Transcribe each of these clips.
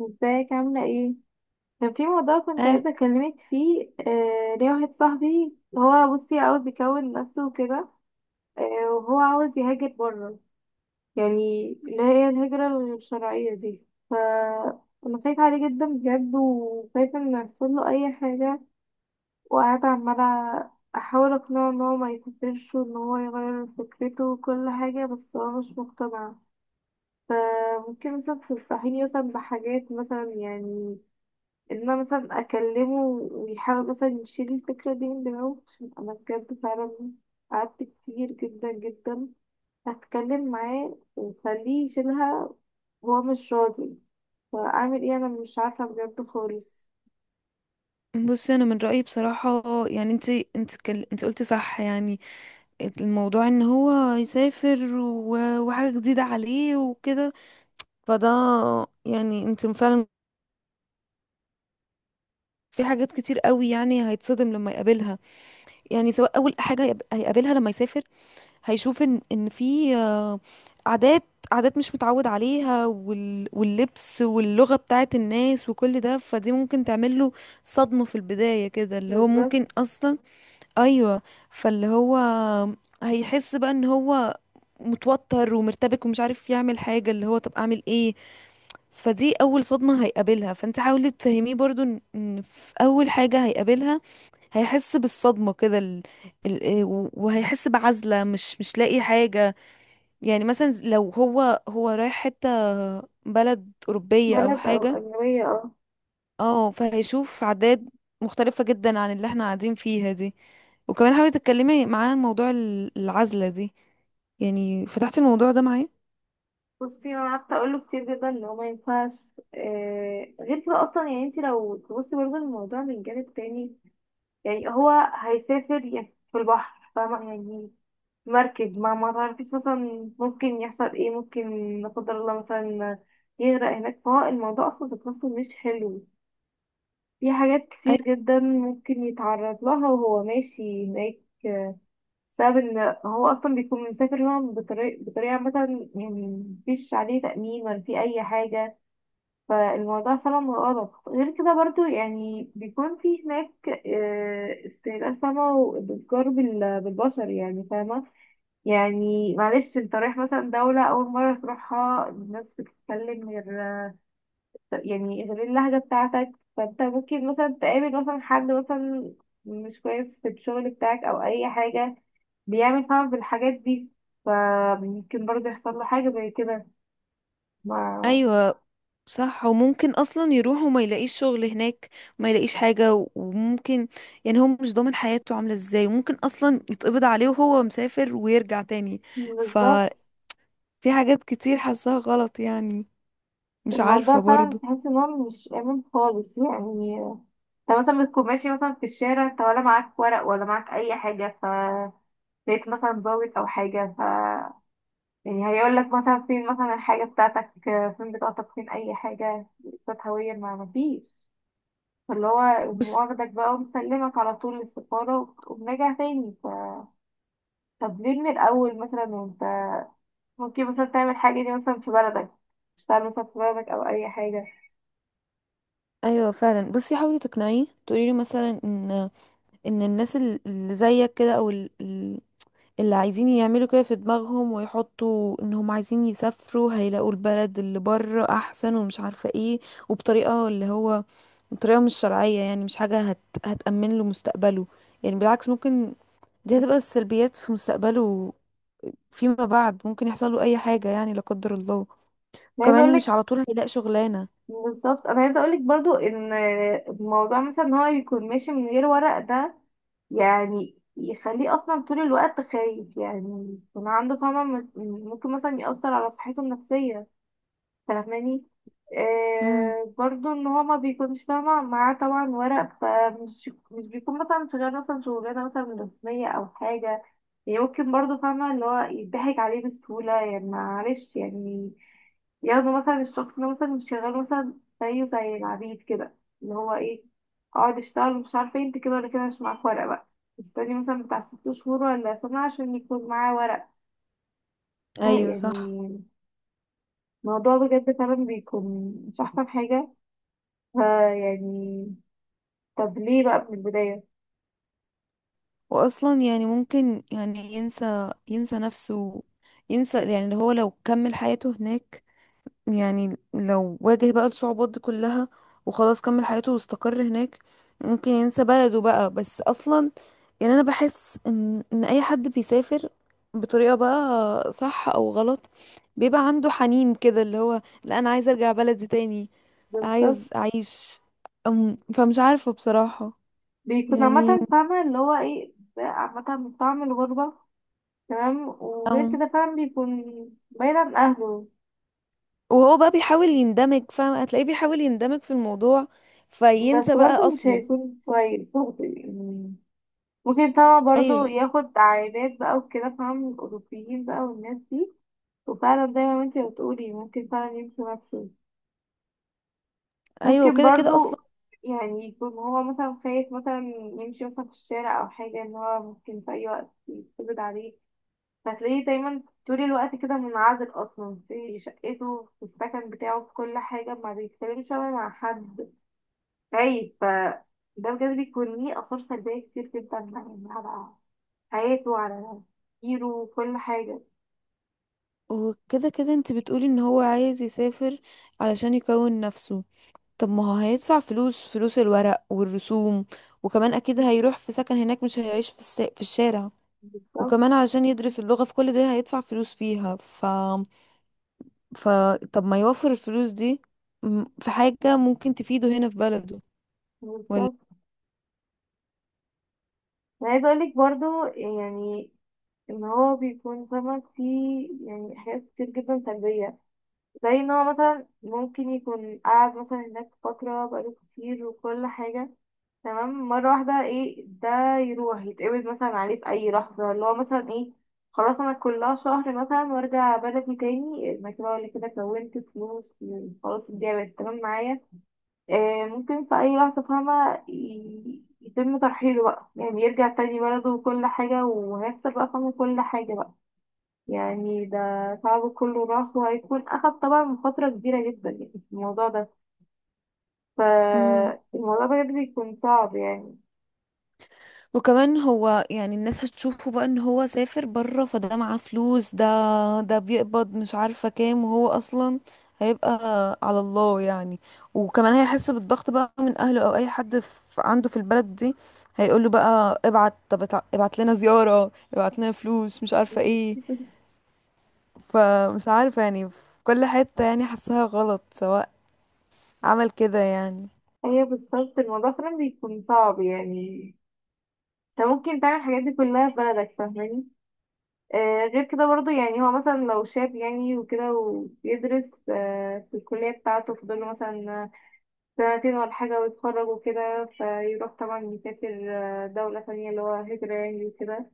ازيك عاملة ايه؟ كان في موضوع كنت قال. عايزة اكلمك فيه، ليه واحد صاحبي هو، بصي، عاوز يكون نفسه وكده. وهو عاوز يهاجر بره، يعني اللي هي الهجرة الشرعية دي. ف انا خايفة عليه جدا بجد، وخايفة ان يحصله اي حاجة، وقاعدة عمالة احاول اقنعه ان هو ما يسافرش، وان هو يغير فكرته وكل حاجة، بس هو مش مقتنع. فممكن مثلا تنصحيني مثلا بحاجات مثلا، يعني ان انا مثلا اكلمه ويحاول مثلا يشيل الفكرة دي من دماغه، عشان انا بجد فعلا قعدت كتير جدا جدا هتكلم معاه وخليه يشيلها وهو مش راضي. فاعمل ايه؟ انا مش عارفة بجد خالص. بصي انا من رايي بصراحه، انت كل... انت قلتي صح، الموضوع ان هو يسافر و... وحاجه جديده عليه وكده، فده، انت فعلا في حاجات كتير قوي، يعني هيتصدم لما يقابلها. يعني سواء اول حاجه هيقابلها لما يسافر، هيشوف ان في عادات، مش متعود عليها، واللبس واللغه بتاعت الناس وكل ده، فدي ممكن تعمل له صدمه في البدايه كده، اللي هو بالذات ممكن اصلا. ايوه. فاللي هو هيحس بقى ان هو متوتر ومرتبك ومش عارف يعمل حاجة، اللي هو طب اعمل ايه؟ فدي اول صدمة هيقابلها. فانت حاولي تفهميه برضو ان في اول حاجة هيقابلها، هيحس بالصدمة كده، وهيحس بعزلة، مش لاقي حاجة. يعني مثلا لو هو رايح حتة، بلد أوروبية أو بلد او حاجة. اجنبية، اه. اه، فهيشوف عادات مختلفة جدا عن اللي احنا قاعدين فيها دي. وكمان حاولي تتكلمي معاه عن موضوع العزلة دي. يعني فتحتي الموضوع ده معاه؟ بصي انا قعدت اقول له كتير جدا ان هو ما ينفعش، غير كده اصلا. يعني انت لو تبصي برضه الموضوع من جانب تاني، يعني هو هيسافر يعني في البحر، فاهمة؟ يعني مركب، ما تعرفيش مثلا ممكن يحصل ايه. ممكن لا قدر الله مثلا يغرق هناك. فهو الموضوع اصلا ذات نفسه مش حلو، في حاجات أي- كتير جدا ممكن يتعرض لها وهو ماشي هناك. آه، بسبب ان هو اصلا بيكون مسافر هنا بطريقة مثلا، يعني مفيش عليه تأمين ولا في اي حاجة. فالموضوع فعلا غلط. غير كده برضو، يعني بيكون في هناك استهلاك، فاهمة؟ وبتجار بالبشر، يعني فاهمة. يعني معلش، انت رايح مثلا دولة أول مرة تروحها، الناس بتتكلم غير، يعني غير اللهجة بتاعتك. فانت ممكن مثلا تقابل مثلا حد مثلا مش كويس في الشغل بتاعك أو أي حاجة، بيعمل فعلا في الحاجات دي. فممكن برضه يحصل له حاجة زي كده. ما ايوه صح. وممكن اصلا يروح وما يلاقيش شغل هناك، وما يلاقيش حاجة. وممكن، يعني هو مش ضامن حياته عاملة ازاي، وممكن اصلا يتقبض عليه وهو مسافر ويرجع تاني. بالظبط. ففي حاجات كتير حاساها غلط يعني. مش الموضوع عارفة فعلا برضو. تحس ان هو مش آمن خالص يعني. انت مثلا بتكون ماشي مثلا في الشارع، انت ولا معاك ورق ولا معاك أي حاجة. لقيت مثلا ضابط أو حاجة، يعني هيقول لك مثلا فين مثلا الحاجة بتاعتك، فين بطاقتك، فين أي حاجة، إثبات هوية، ما مفيش. فاللي هو يقوم بص. واخدك بقى ومسلمك على طول للسفارة، وبنرجع تاني. طب ليه من الأول مثلا وأنت ممكن مثلا تعمل حاجة دي مثلا في بلدك؟ تشتغل مثلا في بلدك أو أي حاجة. ايوه فعلا. بصي حاولي تقنعيه، تقولي له مثلا ان الناس اللي زيك كده، او اللي عايزين يعملوا كده في دماغهم ويحطوا انهم عايزين يسافروا، هيلاقوا البلد اللي بره احسن ومش عارفة ايه، وبطريقة اللي هو بطريقة مش شرعية، يعني مش حاجة هتأمن له مستقبله. يعني بالعكس، ممكن دي هتبقى السلبيات في مستقبله فيما بعد. ممكن يحصل له اي حاجة يعني لا قدر الله. أنا عايزة أقول كمان مش لك، على طول هيلاقي شغلانة. بالظبط، أنا عايزة أقول لك برضو إن الموضوع مثلا إن هو يكون ماشي من غير ورق ده، يعني يخليه اصلا طول الوقت خايف، يعني يكون عنده، فما ممكن مثلا يأثر على صحته النفسية، فاهماني؟ امم آه، برضو ان هو ما بيكونش، فاهمة، معاه طبعا ورق، فمش مش بيكون مثلا شغال مثلا شغلانة مثلا رسمية او حاجة. يعني ممكن برضو، فاهمة، اللي هو يضحك عليه بسهولة. يعني معلش، يعني ياخدوا مثلا الشخص ده مثلا، مش شغال مثلا، زيه زي العبيد كده، اللي هو ايه، اقعد اشتغل مش عارفة إيه، انت كده ولا كده مش معاك ورق بقى. استني مثلا بتاع 6 شهور ولا سنة عشان يكون معاه ورق. ايوه صح. يعني الموضوع بجد فعلا بيكون مش أحسن حاجة. ها يعني طب ليه بقى من البداية؟ واصلا يعني ممكن، يعني ينسى، نفسه، ينسى يعني اللي هو لو كمل حياته هناك. يعني لو واجه بقى الصعوبات دي كلها وخلاص كمل حياته واستقر هناك، ممكن ينسى بلده بقى. بس اصلا، يعني انا بحس ان اي حد بيسافر بطريقة بقى صح او غلط، بيبقى عنده حنين كده، اللي هو لا انا عايز ارجع بلدي تاني، بالظبط. عايز اعيش. فمش عارفة بصراحة بيكون يعني. عامة، فاهمة، اللي هو ايه ده، عامة من طعم الغربة. تمام. وغير كده فعلا بيكون بعيد عن أهله. وهو بقى بيحاول يندمج، فاهم، هتلاقيه بيحاول يندمج في الموضوع، بس فينسى بقى برضه مش اصله. هيكون كويس برضه يعني. ممكن طبعا برضه ايوه. ياخد عائلات بقى وكده، فاهم، الأوروبيين بقى والناس دي. وفعلا زي ما انتي بتقولي، ممكن فعلا يمشي نفسه. ايوه ممكن وكده كده اصلا. برضو يعني يكون هو مثلا خايف مثلا يمشي مثلا في الشارع او حاجة، ان هو ممكن في اي وقت يتقبض عليه. فتلاقيه دايما طول الوقت كده منعزل اصلا، في شقته، في السكن بتاعه، في كل حاجة، ما بيتكلمش ولا مع حد، خايف. ده بجد بيكون ليه اثار سلبية كتير جدا يعني، على حياته، على تفكيره وكل حاجة. وكده كده انت بتقولي ان هو عايز يسافر علشان يكون نفسه، طب ما هو هيدفع فلوس، فلوس الورق والرسوم، وكمان اكيد هيروح في سكن هناك، مش هيعيش في في الشارع، بالظبط وكمان علشان يدرس اللغة، في كل ده هيدفع فلوس فيها. ف ف طب ما يوفر الفلوس دي في حاجة ممكن تفيده هنا في بلده. بالظبط انا عايزة اقولك برضو، يعني ان هو بيكون، فاهمة، فيه يعني حاجات كتير جدا سلبية. زي ان هو مثلا ممكن يكون قاعد مثلا هناك فترة بقاله كتير وكل حاجة، تمام، مرة واحدة، ايه ده، يروح يتقبض مثلا عليه في اي لحظة. اللي هو مثلا ايه، خلاص انا كلها شهر مثلا وارجع بلدي تاني، انا كده ولا كده كونت فلوس، خلاص الدنيا بقت تمام معايا. آه، ممكن في اي لحظة، فاهمة، يتم ترحيله بقى، يعني يرجع تاني بلده وكل حاجة، وهيخسر بقى، فاهمة، كل حاجة بقى. يعني ده تعبه كله راح. وهيكون أخد طبعا فترة كبيرة جدا يعني في الموضوع ده. ولا. فالموضوع بجد بيكون صعب يعني. وكمان هو يعني الناس هتشوفه بقى ان هو سافر بره، فده معاه فلوس، ده بيقبض مش عارفة كام، وهو اصلا هيبقى على الله يعني. وكمان هيحس بالضغط بقى من اهله او اي حد في، عنده في البلد دي، هيقول له بقى ابعت، طب ابعت لنا زيارة، ابعت لنا فلوس، مش عارفة ايه. فمش عارفة يعني، في كل حتة يعني حاسها غلط سواء عمل كده يعني. هي بالظبط. الموضوع فعلا بيكون صعب يعني. انت ممكن تعمل الحاجات دي كلها في بلدك، فاهماني؟ آه، غير كده برضو، يعني هو مثلا لو شاب يعني وكده، وبيدرس آه في الكلية بتاعته، فاضل له مثلا سنتين ولا حاجة ويتخرج وكده، فيروح طبعا يسافر آه، دولة ثانية، اللي هو هجرة يعني وكده،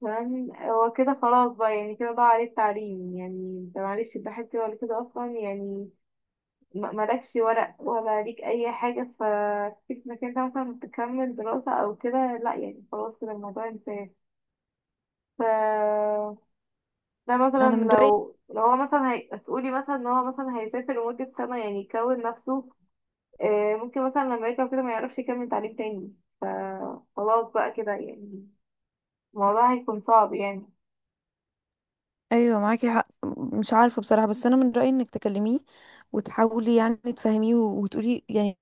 تمام. هو كده خلاص بقى، يعني كده ضاع عليه التعليم، يعني انت معلش الدحيح كده ولا كده اصلا، يعني مالكش ورق ولا ليك اي حاجة، ففكرة انك انت مثلا تكمل دراسة او كده لا، يعني خلاص كده الموضوع انتهى. ف ده مثلا انا من رأيي. لو هو مثلا تقولي مثلا ان هو مثلا هيسافر لمدة سنة يعني يكون نفسه، آه، ممكن مثلا لما يرجع كده ما يعرفش يكمل تعليم تاني. فخلاص بقى كده يعني الموضوع هيكون صعب يعني. ايوه معاكي حق. مش عارفه بصراحه، بس انا من رايي انك تكلميه وتحاولي يعني تفهميه، وتقولي يعني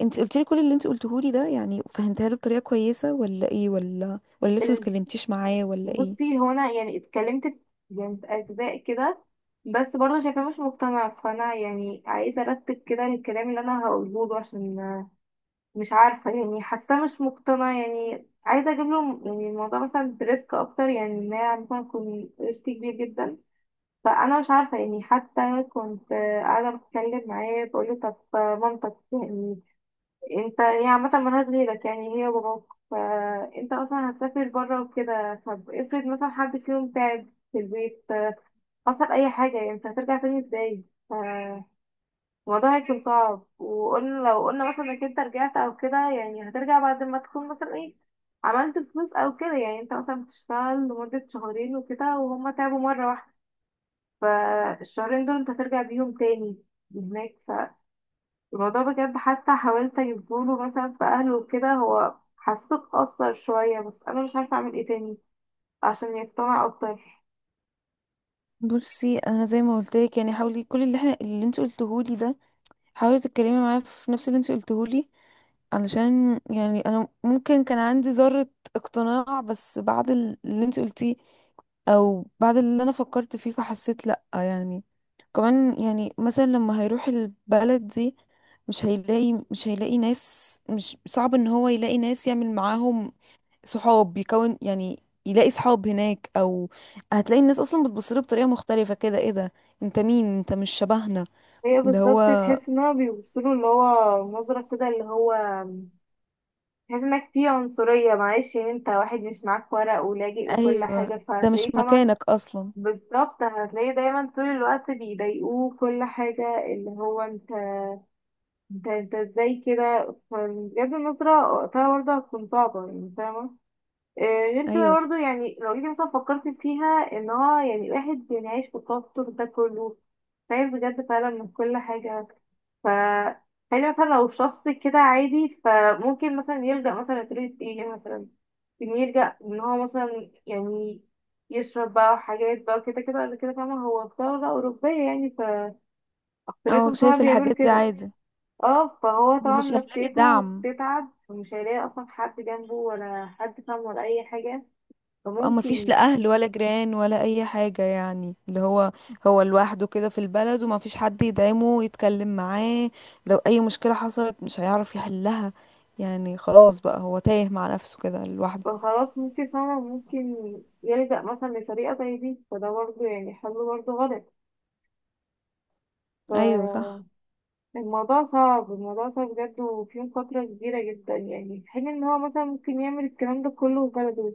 انت قلت لي كل اللي انت قلته لي ده، يعني فهمتها له بطريقه كويسه؟ ولا ايه؟ ولا، لسه ما اتكلمتيش معاه؟ ولا ايه؟ بصي هو انا يعني اتكلمت، يعني في اجزاء كده، بس برضه شايفاه مش مقتنع. فانا يعني عايزه ارتب كده الكلام اللي انا هقوله له، عشان مش عارفه، يعني حاساه مش مقتنع. يعني عايزه اجيب له يعني الموضوع مثلا بريسك اكتر، يعني ان هي مثلا يكون ريسك كبير جدا. فانا مش عارفه يعني. حتى كنت قاعده بتكلم معاه، بقول له طب مامتك يعني، انت هي عامة ملهاش غيرك، يعني هي وباباك، فانت اصلا هتسافر بره وكده، طب افرض مثلا حد فيهم تعب في البيت، حصل اي حاجة، يعني انت هترجع تاني ازاي؟ ف- الموضوع هيكون صعب. وقلنا لو قلنا مثلا انك انت رجعت او كده، يعني هترجع بعد ما تكون مثلا ايه، عملت فلوس او كده. يعني انت مثلا بتشتغل لمدة شهرين وكده وهما تعبوا مرة واحدة، فالشهرين دول انت هترجع بيهم تاني هناك. الموضوع بجد. حتى حاولت اجيبهوله مثلا في اهله وكده، هو حسيته اتأثر شوية، بس انا مش عارفة اعمل ايه تاني عشان يقتنع اكتر. بصي انا زي ما قلت لك، يعني حاولي كل اللي اللي انت قلته لي ده، حاولي تتكلمي معاه في نفس اللي انت قلته لي، علشان يعني انا ممكن كان عندي ذرة اقتناع، بس بعد اللي انت قلتيه او بعد اللي انا فكرت فيه، فحسيت لا يعني. كمان يعني مثلا لما هيروح البلد دي، مش هيلاقي، مش هيلاقي ناس، مش صعب ان هو يلاقي ناس يعمل معاهم صحاب، يكون يعني يلاقي صحاب هناك، او هتلاقي الناس اصلا بتبصله بطريقة مختلفة كده، ايه ده، انت مين؟ انت مش شبهنا. هي اللي هو. بالظبط. تحس ان هو بيبصله، اللي هو نظرة كده، اللي هو تحس انك فيه عنصرية. معلش، يعني انت واحد مش معاك ورق ولاجئ وكل ايوه، حاجة، ده مش فهتلاقيه طبعا. مكانك اصلا. بالظبط. هتلاقيه دايما طول الوقت بيضايقوه كل حاجة، اللي هو انت ازاي كده. فبجد النظرة وقتها برضه هتكون صعبة، يعني فاهمة. آه، غير كده ايوه. برضه، يعني لو جيتي مثلا فكرت فيها، ان هو يعني الواحد يعني عايش في التوتر ده كله، خايف بجد فعلا من كل حاجة. ف خلي مثلا لو شخص كده عادي، فممكن مثلا يلجأ مثلا لطريقة ايه مثلا، إن يلجأ ان هو مثلا يعني يشرب بقى حاجات بقى كده، كده قبل كده، فاهمة، هو في دولة أوروبية يعني، اه فأكترتهم فعلا شايف بيعملوا الحاجات دي كده. عادي. اه فهو طبعا ومش هيلاقي نفسيته دعم. تتعب، ومش هيلاقي أصلا حد جنبه، ولا حد فاهم، ولا أي حاجة. او مفيش فممكن لا اهل ولا جيران ولا اي حاجة، يعني اللي هو هو لوحده كده في البلد، ومفيش حد يدعمه يتكلم معاه. لو اي مشكلة حصلت مش هيعرف يحلها. يعني خلاص بقى هو تايه مع نفسه كده لوحده. فخلاص، ممكن فعلا ممكن يلجأ مثلا لطريقة زي دي. فده برضه يعني حل برضه غلط. ايوه صح. فالموضوع صعب، الموضوع صعب بجد، وفيه مخاطرة كبيرة جدا يعني، في حين ان هو مثلا ممكن يعمل الكلام ده كله في بلده،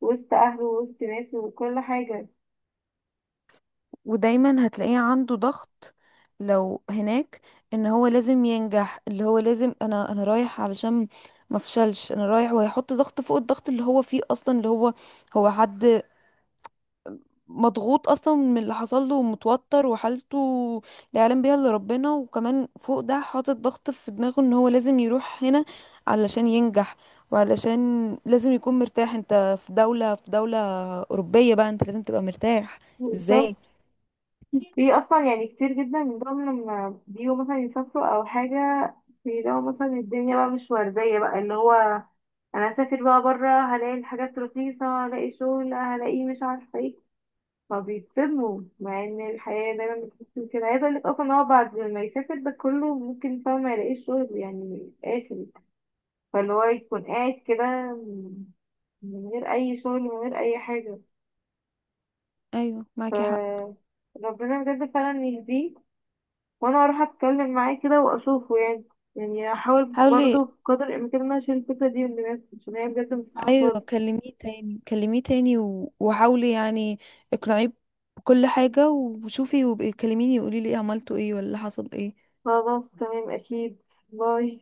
وسط أهله، وسط ناسه وكل حاجة. ودايما هتلاقيه عنده ضغط لو هناك، ان هو لازم ينجح، اللي هو لازم، انا رايح علشان ما افشلش، انا رايح. وهيحط ضغط فوق الضغط اللي هو فيه اصلا، اللي هو هو حد مضغوط اصلا من اللي حصل له، ومتوتر، وحالته لا يعلم بيها الا ربنا. وكمان فوق ده حاطط ضغط في دماغه ان هو لازم يروح هنا علشان ينجح، وعلشان لازم يكون مرتاح. انت في دولة، في دولة أوروبية بقى، انت لازم تبقى مرتاح. ازاي؟ بالظبط. في أصلا يعني كتير جدا من دول لما بيجوا مثلا يسافروا أو حاجة، بيلاقوا مثلا الدنيا بقى مش وردية بقى. اللي هو انا هسافر بقى بره، هلاقي الحاجات رخيصه، هلاقي شغل، هلاقي مش عارفه ايه. فبيتصدموا مع ان الحياه دايما بتكون كده. عايزه اقول لك اصلا إن هو بعد ما يسافر ده كله، ممكن، فاهم، ما يلاقيش شغل، يعني من الاخر. فاللي هو يكون قاعد كده من غير اي شغل، من غير اي حاجه. ايوه معاكي حق. ف ربنا بجد فعلا يهديه. وانا اروح اتكلم معاه كده واشوفه يعني. يعني احاول حاولي. برضه بقدر الامكان ان انا اشيل الفكره دي من دماغي، عشان هي بجد مستحيله ايوه خالص. كلميه تاني، كلميه تاني، وحاولي يعني اقنعيه بكل حاجة، وشوفي، وبقي كلميني وقولي لي ايه، عملتوا ايه، ولا حصل ايه. خلاص تمام، أكيد. باي.